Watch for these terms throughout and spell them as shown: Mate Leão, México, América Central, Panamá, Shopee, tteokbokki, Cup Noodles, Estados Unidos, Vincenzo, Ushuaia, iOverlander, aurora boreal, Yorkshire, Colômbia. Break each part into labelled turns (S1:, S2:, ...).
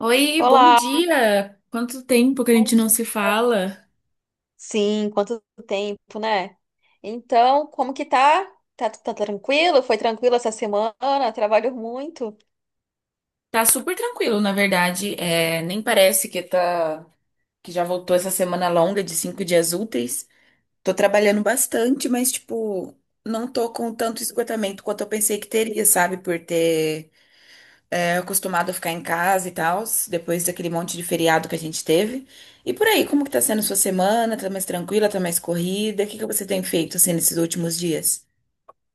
S1: Oi, bom
S2: Olá,
S1: dia! Quanto tempo que a
S2: bom
S1: gente não
S2: dia.
S1: se fala?
S2: Sim, quanto tempo, né? Então, como que tá? Tá tranquilo? Foi tranquilo essa semana? Trabalho muito.
S1: Tá super tranquilo, na verdade. Nem parece que que já voltou essa semana longa de 5 dias úteis. Tô trabalhando bastante, mas tipo, não tô com tanto esgotamento quanto eu pensei que teria, sabe? Por ter acostumado a ficar em casa e tal, depois daquele monte de feriado que a gente teve. E por aí, como que tá sendo sua semana? Tá mais tranquila? Tá mais corrida? O que que você tem feito assim nesses últimos dias?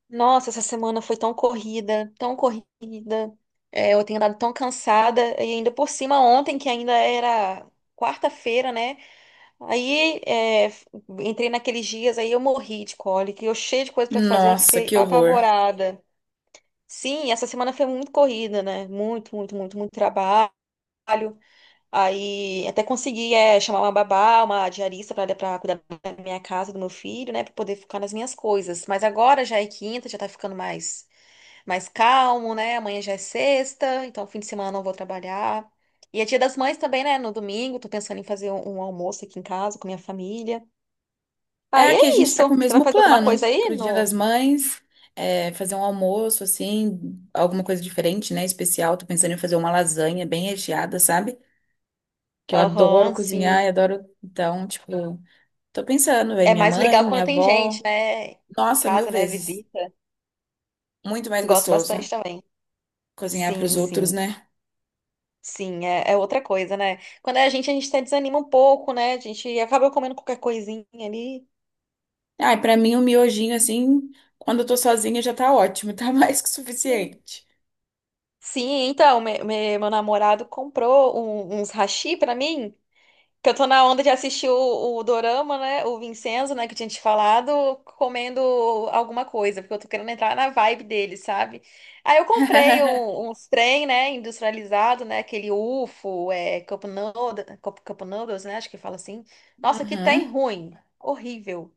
S2: Nossa, essa semana foi tão corrida, tão corrida. É, eu tenho andado tão cansada. E ainda por cima, ontem, que ainda era quarta-feira, né? Aí, entrei naqueles dias, aí eu morri de cólica. E eu cheia de coisa pra fazer, eu
S1: Nossa,
S2: fiquei
S1: que horror!
S2: apavorada. Sim, essa semana foi muito corrida, né? Muito, muito, muito, muito trabalho. Aí até consegui chamar uma babá, uma diarista para cuidar da minha casa, do meu filho, né, para poder focar nas minhas coisas. Mas agora já é quinta, já tá ficando mais calmo, né? Amanhã já é sexta, então fim de semana não vou trabalhar. E é Dia das Mães também, né? No domingo, tô pensando em fazer um almoço aqui em casa com minha família.
S1: É
S2: Aí
S1: que a
S2: é
S1: gente tá
S2: isso.
S1: com o
S2: Você vai
S1: mesmo
S2: fazer alguma coisa
S1: plano
S2: aí
S1: pro Dia
S2: no?
S1: das Mães, fazer um almoço, assim, alguma coisa diferente, né? Especial. Tô pensando em fazer uma lasanha bem recheada, sabe? Que eu adoro
S2: Aham, sim.
S1: cozinhar e adoro. Então, tipo, tô pensando, vai
S2: É
S1: minha
S2: mais
S1: mãe,
S2: legal
S1: minha
S2: quando tem gente,
S1: avó.
S2: né? Em
S1: Nossa, mil
S2: casa, né?
S1: vezes.
S2: Visita.
S1: Muito mais
S2: Gosto bastante
S1: gostoso
S2: também.
S1: cozinhar pros
S2: Sim,
S1: outros,
S2: sim.
S1: né?
S2: Sim, é, é outra coisa, né? Quando é a gente até desanima um pouco, né? A gente acaba comendo qualquer coisinha ali.
S1: Ah, e pra mim, um miojinho, assim, quando eu tô sozinha já tá ótimo, tá mais que suficiente.
S2: Sim, então, meu namorado comprou uns hashi pra mim, que eu tô na onda de assistir o Dorama, né? O Vincenzo, né? Que eu tinha te falado, comendo alguma coisa, porque eu tô querendo entrar na vibe dele, sabe? Aí eu comprei uns trem, né? Industrializado, né? Aquele UFO, é, Cup Noodles, né? Acho que fala assim. Nossa, que tem
S1: Uhum.
S2: ruim. Horrível.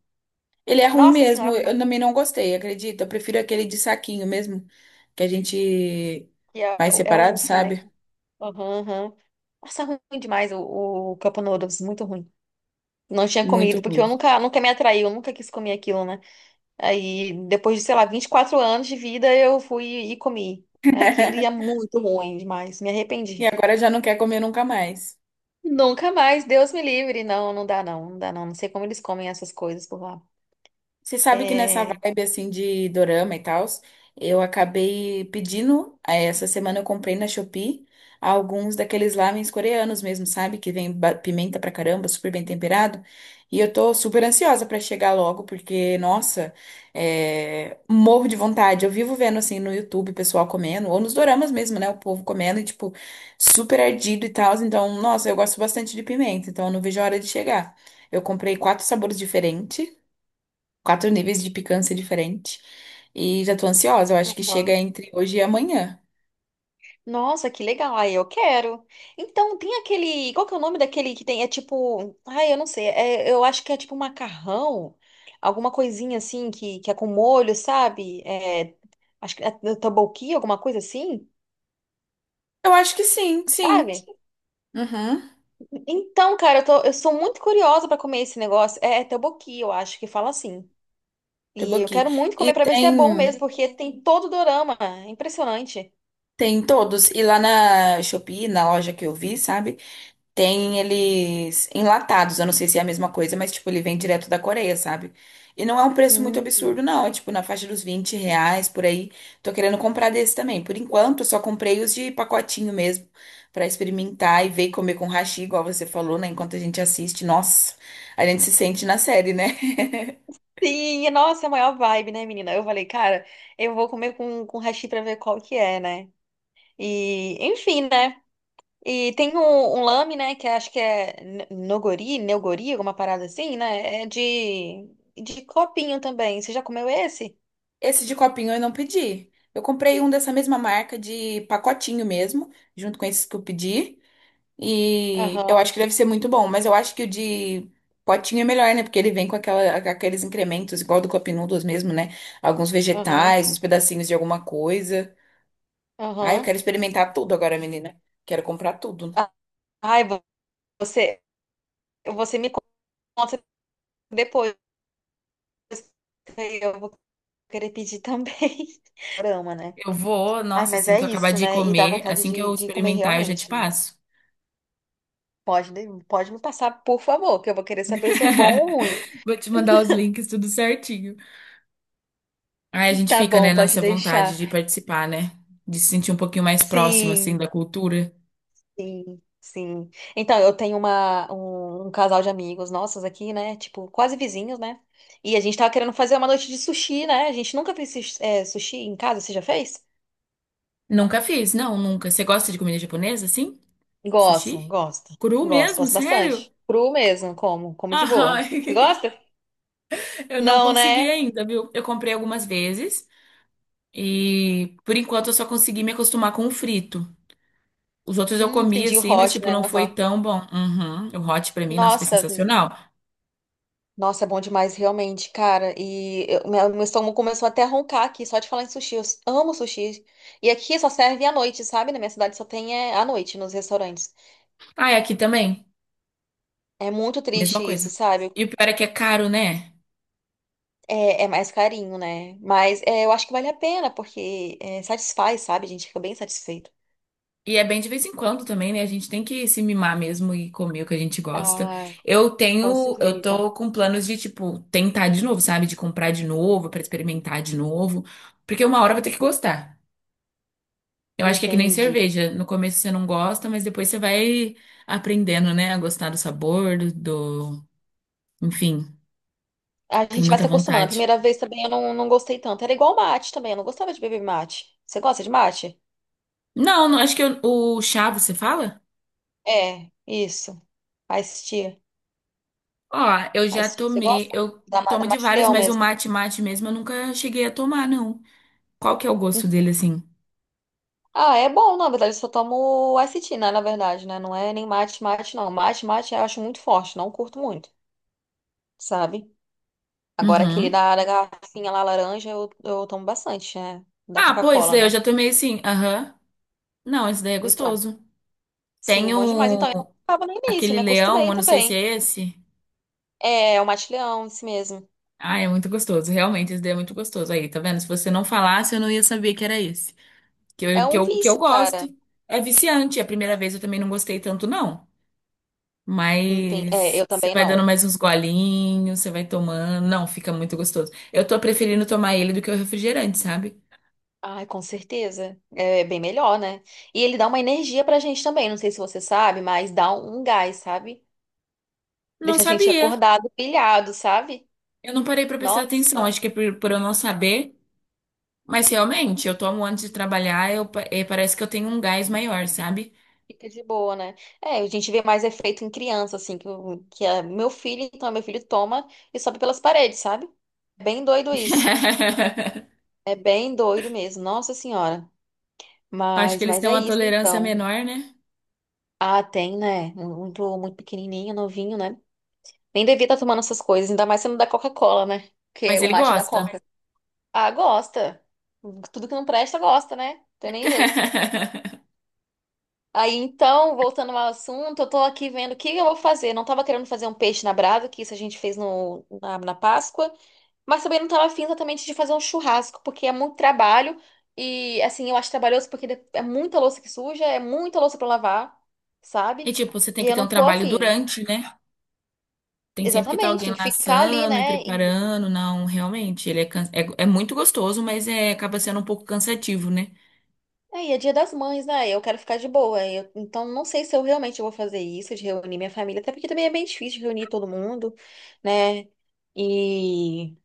S1: Ele é ruim
S2: Nossa
S1: mesmo.
S2: Senhora,
S1: Eu também não gostei, acredita? Eu prefiro aquele de saquinho mesmo, que a gente
S2: que é, é
S1: vai
S2: o é
S1: separado,
S2: o
S1: sabe?
S2: Funeco. Aham, aham. Nossa, ruim demais o Cup Noodles, muito ruim. Não tinha
S1: Muito
S2: comido, porque
S1: ruim.
S2: eu nunca, nunca me atraiu, eu nunca quis comer aquilo, né? Aí, depois de, sei lá, 24 anos de vida, eu fui e comi. Aquilo e é muito ruim demais, me arrependi.
S1: E agora já não quer comer nunca mais.
S2: Nunca mais, Deus me livre. Não, não dá não, não dá não. Não sei como eles comem essas coisas por lá.
S1: Você sabe que nessa
S2: É.
S1: vibe assim de dorama e tal, eu acabei pedindo, essa semana eu comprei na Shopee alguns daqueles lamens coreanos mesmo, sabe? Que vem pimenta pra caramba, super bem temperado. E eu tô super ansiosa pra chegar logo, porque, nossa, morro de vontade. Eu vivo vendo assim no YouTube o pessoal comendo, ou nos doramas mesmo, né? O povo comendo e, tipo, super ardido e tal. Então, nossa, eu gosto bastante de pimenta, então eu não vejo a hora de chegar. Eu comprei quatro sabores diferentes, quatro níveis de picância diferente. E já tô ansiosa. Eu acho que chega
S2: Uhum.
S1: entre hoje e amanhã.
S2: Nossa, que legal. Aí eu quero. Então, tem aquele. Qual que é o nome daquele que tem? É tipo. Ai, eu não sei. Eu acho que é tipo macarrão. Alguma coisinha assim que é com molho, sabe? É, acho que é tteokbokki, alguma coisa assim,
S1: Eu acho que sim, sim.
S2: sabe?
S1: Uhum.
S2: Então, cara, eu sou muito curiosa pra comer esse negócio. É tteokbokki, eu acho que fala assim. E
S1: Temos
S2: eu
S1: aqui.
S2: quero muito
S1: E
S2: comer pra ver se é bom
S1: tem
S2: mesmo, porque tem todo o dorama. É impressionante.
S1: Tem todos. E lá na Shopee, na loja que eu vi, sabe? Tem eles enlatados, eu não sei se é a mesma coisa, mas tipo, ele vem direto da Coreia, sabe? E não é um preço muito absurdo,
S2: Hum.
S1: não. É tipo na faixa dos R$ 20 por aí. Tô querendo comprar desse também. Por enquanto, eu só comprei os de pacotinho mesmo, pra experimentar e ver e comer com hashi, igual você falou, né? Enquanto a gente assiste, nossa, a gente se sente na série, né?
S2: Sim, e, nossa, é a maior vibe, né, menina? Eu falei, cara, eu vou comer com hashi pra ver qual que é, né? E, enfim, né? E tem um lame, né, que acho que é nogori, neogori, alguma parada assim, né? É de copinho também. Você já comeu esse?
S1: Esse de copinho eu não pedi. Eu comprei um dessa mesma marca de pacotinho mesmo, junto com esses que eu pedi. E eu
S2: Aham,
S1: acho que deve ser muito bom, mas eu acho que o de potinho é melhor, né? Porque ele vem com aqueles incrementos, igual do Cup Noodles mesmo, né? Alguns
S2: aham,
S1: vegetais, uns pedacinhos de alguma coisa. Ai, eu
S2: aham.
S1: quero experimentar tudo agora, menina. Quero comprar tudo.
S2: Ah, Ai, você, você me conta depois. Eu vou querer pedir também. Dorama, né?
S1: Eu vou,
S2: Ai,
S1: nossa,
S2: mas
S1: assim
S2: é
S1: que eu acabar
S2: isso,
S1: de
S2: né? E dá
S1: comer,
S2: vontade
S1: assim que
S2: de,
S1: eu
S2: de comer
S1: experimentar, eu já te
S2: realmente.
S1: passo.
S2: Pode me passar, por favor, que eu vou querer saber se é bom ou ruim.
S1: Vou te mandar os links, tudo certinho. Aí a gente
S2: Tá
S1: fica, né,
S2: bom, pode
S1: nessa vontade
S2: deixar.
S1: de participar, né? De se sentir um pouquinho mais próximo, assim,
S2: Sim,
S1: da cultura.
S2: sim, sim. Então, eu tenho um casal de amigos nossos aqui, né? Tipo, quase vizinhos, né? E a gente tava querendo fazer uma noite de sushi, né? A gente nunca fez sushi, sushi em casa, você já fez?
S1: Nunca fiz, não, nunca. Você gosta de comida japonesa, assim?
S2: Gosto,
S1: Sushi?
S2: gosto,
S1: Cru
S2: gosto,
S1: mesmo?
S2: gosto
S1: Sério?
S2: bastante. Cru mesmo, como, como de
S1: Ah,
S2: boa. Você gosta?
S1: eu não
S2: Não,
S1: consegui
S2: né?
S1: ainda, viu? Eu comprei algumas vezes e por enquanto eu só consegui me acostumar com o frito. Os outros eu comi
S2: Entendi o
S1: assim, mas
S2: hot,
S1: tipo,
S2: né?
S1: não foi
S2: Aham.
S1: tão bom. Uhum. O hot pra mim, nossa, foi
S2: Nossa,
S1: sensacional.
S2: Nossa, é bom demais, realmente, cara. Meu estômago começou até a roncar aqui, só de falar em sushi. Eu amo sushi. E aqui só serve à noite, sabe? Na minha cidade só tem é, à noite nos restaurantes.
S1: Ah, e aqui também,
S2: É muito
S1: mesma
S2: triste isso,
S1: coisa.
S2: sabe?
S1: E o pior é que é caro, né?
S2: É, é mais carinho, né? Mas é, eu acho que vale a pena, porque é, satisfaz, sabe? A gente fica bem satisfeito.
S1: E é bem de vez em quando também, né? A gente tem que se mimar mesmo e comer o que a gente gosta.
S2: Ah,
S1: Eu
S2: com
S1: tenho, eu
S2: certeza.
S1: tô com planos de, tipo, tentar de novo, sabe? De comprar de novo, pra experimentar de novo. Porque uma hora vai ter que gostar. Eu acho que é que nem
S2: Entendi.
S1: cerveja. No começo você não gosta, mas depois você vai aprendendo, né? A gostar do sabor, Enfim,
S2: A
S1: tem
S2: gente vai
S1: muita
S2: se acostumando. A
S1: vontade.
S2: primeira vez também eu não, não gostei tanto. Era igual mate também, eu não gostava de beber mate. Você gosta de mate?
S1: Não, não, acho que o chá, você fala?
S2: É, isso. Faz
S1: Ó, eu já
S2: Ice tea, você
S1: tomei,
S2: gosta?
S1: eu
S2: Da
S1: tomo de
S2: Mate
S1: vários,
S2: Leão
S1: mas o
S2: mesmo.
S1: mate mate mesmo eu nunca cheguei a tomar, não. Qual que é o gosto
S2: Hum.
S1: dele, assim?
S2: Ah, é bom, na verdade, eu só tomo ice tea, né, na verdade, né? Não é nem mate, mate, não. Mate, mate eu acho muito forte, não curto muito, sabe? Agora aquele
S1: Uhum.
S2: da garrafinha lá laranja eu tomo bastante, né? Da
S1: Ah, pô, esse
S2: Coca-Cola,
S1: daí eu
S2: né?
S1: já tomei, sim. Aham. Não, esse daí é
S2: Então,
S1: gostoso.
S2: sim,
S1: Tem
S2: bom demais. Então, eu não
S1: o...
S2: tava no início,
S1: aquele
S2: me
S1: leão,
S2: acostumei
S1: eu não sei se
S2: também.
S1: é esse.
S2: É, o Mate Leão, isso mesmo.
S1: Ah, é muito gostoso. Realmente, esse daí é muito gostoso. Aí, tá vendo? Se você não falasse, eu não ia saber que era esse. Que
S2: É
S1: eu, que
S2: um
S1: eu, que eu
S2: vício,
S1: gosto.
S2: cara.
S1: É viciante. A primeira vez eu também não gostei tanto, não.
S2: Não tem- É,
S1: Mas
S2: eu
S1: você
S2: também
S1: vai dando
S2: não.
S1: mais uns golinhos, você vai tomando. Não, fica muito gostoso. Eu tô preferindo tomar ele do que o refrigerante, sabe?
S2: Ai, com certeza. É bem melhor, né? E ele dá uma energia pra gente também. Não sei se você sabe, mas dá um gás, sabe?
S1: Não
S2: Deixa a gente
S1: sabia.
S2: acordado, pilhado, sabe?
S1: Eu não parei pra prestar atenção,
S2: Nossa,
S1: acho que é por eu não saber, mas realmente, eu tomo antes de trabalhar, parece que eu tenho um gás maior, sabe?
S2: fica de boa, né? É, a gente vê mais efeito em criança, assim, que, que é meu filho, então meu filho toma e sobe pelas paredes, sabe? É bem doido isso. É bem doido mesmo. Nossa Senhora.
S1: Acho que
S2: Mas,
S1: eles
S2: mas
S1: têm
S2: é
S1: uma
S2: isso,
S1: tolerância
S2: então.
S1: menor, né?
S2: Ah, tem, né? Muito, muito pequenininho, novinho, né? Nem devia estar tomando essas coisas, ainda mais sendo da Coca-Cola, né? Que é
S1: Mas
S2: o
S1: ele
S2: mate da
S1: gosta.
S2: Coca. Ah, gosta. Tudo que não presta, gosta, né? Não tem nem jeito. Aí então, voltando ao assunto, eu tô aqui vendo o que eu vou fazer. Não tava querendo fazer um peixe na brasa, que isso a gente fez no, na, na Páscoa, mas também não tava afim exatamente de fazer um churrasco, porque é muito trabalho e, assim, eu acho trabalhoso porque de- é muita louça que suja, é muita louça pra lavar,
S1: E
S2: sabe?
S1: tipo, você tem
S2: E
S1: que
S2: eu
S1: ter
S2: não
S1: um
S2: tô
S1: trabalho
S2: afim.
S1: durante, né? Tem sempre que estar
S2: Exatamente,
S1: alguém
S2: tem que ficar ali,
S1: laçando e
S2: né?
S1: preparando. Não, realmente, ele é, é muito gostoso, mas é, acaba sendo um pouco cansativo, né?
S2: Aí é Dia das Mães, né? Eu quero ficar de boa. Eu, então, não sei se eu realmente vou fazer isso, de reunir minha família, até porque também é bem difícil reunir todo mundo, né? E.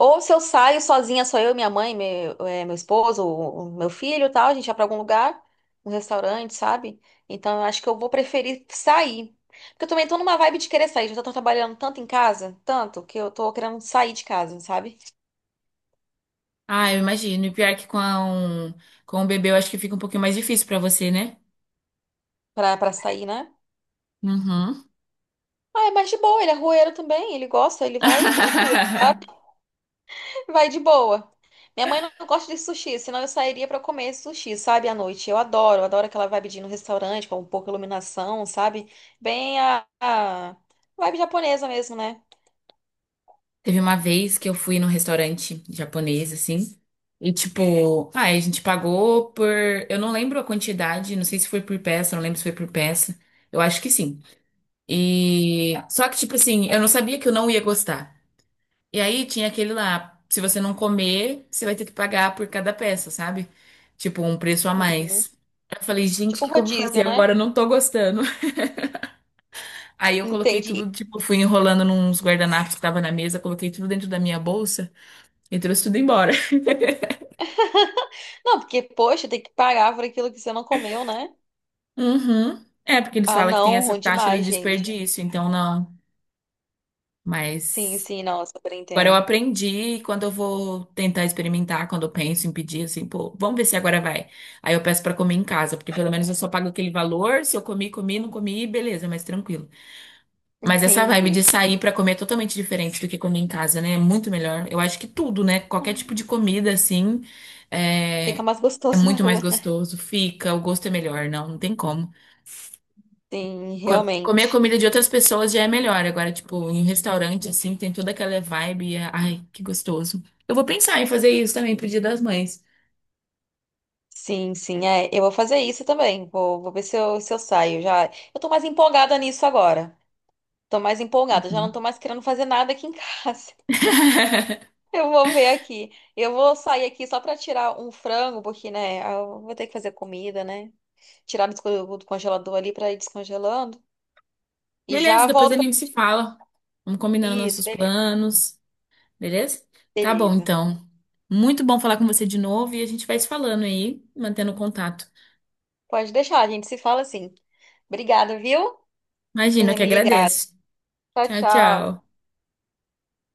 S2: Ou se eu saio sozinha, só eu, minha mãe, meu, é, meu esposo, o meu filho e tal, a gente vai pra algum lugar, um restaurante, sabe? Então, eu acho que eu vou preferir sair. Porque eu também tô numa vibe de querer sair. Já tô trabalhando tanto em casa, tanto, que eu tô querendo sair de casa, sabe?
S1: Ah, eu imagino. E pior que com o bebê, eu acho que fica um pouquinho mais difícil pra você, né?
S2: Pra sair, né?
S1: Uhum.
S2: Ah, é mais de boa, ele é rueiro também, ele gosta, ele vai tranquilo. Vai de boa. Minha mãe não gosta de sushi, senão eu sairia pra comer sushi, sabe, à noite. Eu adoro aquela vibe de ir no restaurante com um pouco de iluminação, sabe? Bem a vibe japonesa mesmo, né?
S1: Teve uma vez que eu fui num restaurante japonês, assim, e tipo, ah, a gente pagou por. Eu não lembro a quantidade, não sei se foi por peça, não lembro se foi por peça. Eu acho que sim. E. Só que, tipo assim, eu não sabia que eu não ia gostar. E aí tinha aquele lá, se você não comer, você vai ter que pagar por cada peça, sabe? Tipo, um preço a
S2: Uhum.
S1: mais. Eu falei, gente, o
S2: Tipo
S1: que que eu vou
S2: rodízio,
S1: fazer
S2: né?
S1: agora? Eu não tô gostando. Aí eu coloquei
S2: Entendi.
S1: tudo, tipo, fui enrolando nos guardanapos que tava na mesa, coloquei tudo dentro da minha bolsa e trouxe tudo embora.
S2: Não, porque, poxa, tem que pagar por aquilo que você não comeu, né?
S1: Uhum. É, porque eles
S2: Ah,
S1: falam que tem
S2: não,
S1: essa
S2: ruim
S1: taxa do
S2: demais, gente.
S1: desperdício, então não.
S2: Sim,
S1: Mas
S2: sim, não, eu super
S1: agora eu
S2: entendo.
S1: aprendi e quando eu vou tentar experimentar, quando eu penso em pedir, assim, pô, vamos ver se agora vai. Aí eu peço pra comer em casa, porque pelo menos eu só pago aquele valor, se eu comi, comi, não comi, beleza, mas tranquilo. Mas essa vibe de
S2: Entendi.
S1: sair pra comer é totalmente diferente do que comer em casa, né? É muito melhor. Eu acho que tudo, né? Qualquer tipo
S2: Hum,
S1: de comida, assim,
S2: Fica
S1: é,
S2: mais
S1: é
S2: gostoso na
S1: muito
S2: rua,
S1: mais
S2: né?
S1: gostoso. Fica, o gosto é melhor, não, não tem como.
S2: Sim,
S1: Comer a
S2: realmente.
S1: comida de outras pessoas já é melhor. Agora, tipo, em restaurante, assim, tem toda aquela vibe. Ai, que gostoso. Eu vou pensar em fazer isso também pro Dia das Mães.
S2: Sim, sim, é. Eu vou fazer isso também. Vou ver se eu saio. Já, eu tô mais empolgada nisso agora. Tô mais empolgada. Já não tô
S1: Uhum.
S2: mais querendo fazer nada aqui em casa. Eu vou ver aqui. Eu vou sair aqui só pra tirar um frango, porque, né, eu vou ter que fazer comida, né? Tirar do congelador ali pra ir descongelando. E
S1: Beleza,
S2: já
S1: depois
S2: volto.
S1: a gente se fala. Vamos combinando
S2: Isso,
S1: nossos
S2: beleza.
S1: planos. Beleza? Tá bom,
S2: Beleza.
S1: então. Muito bom falar com você de novo e a gente vai se falando aí, mantendo contato.
S2: Pode deixar, a gente se fala assim. Obrigada, viu? Por
S1: Imagina, eu
S2: ter
S1: que
S2: me ligado.
S1: agradeço.
S2: Tchau,
S1: Tchau,
S2: tchau.
S1: tchau.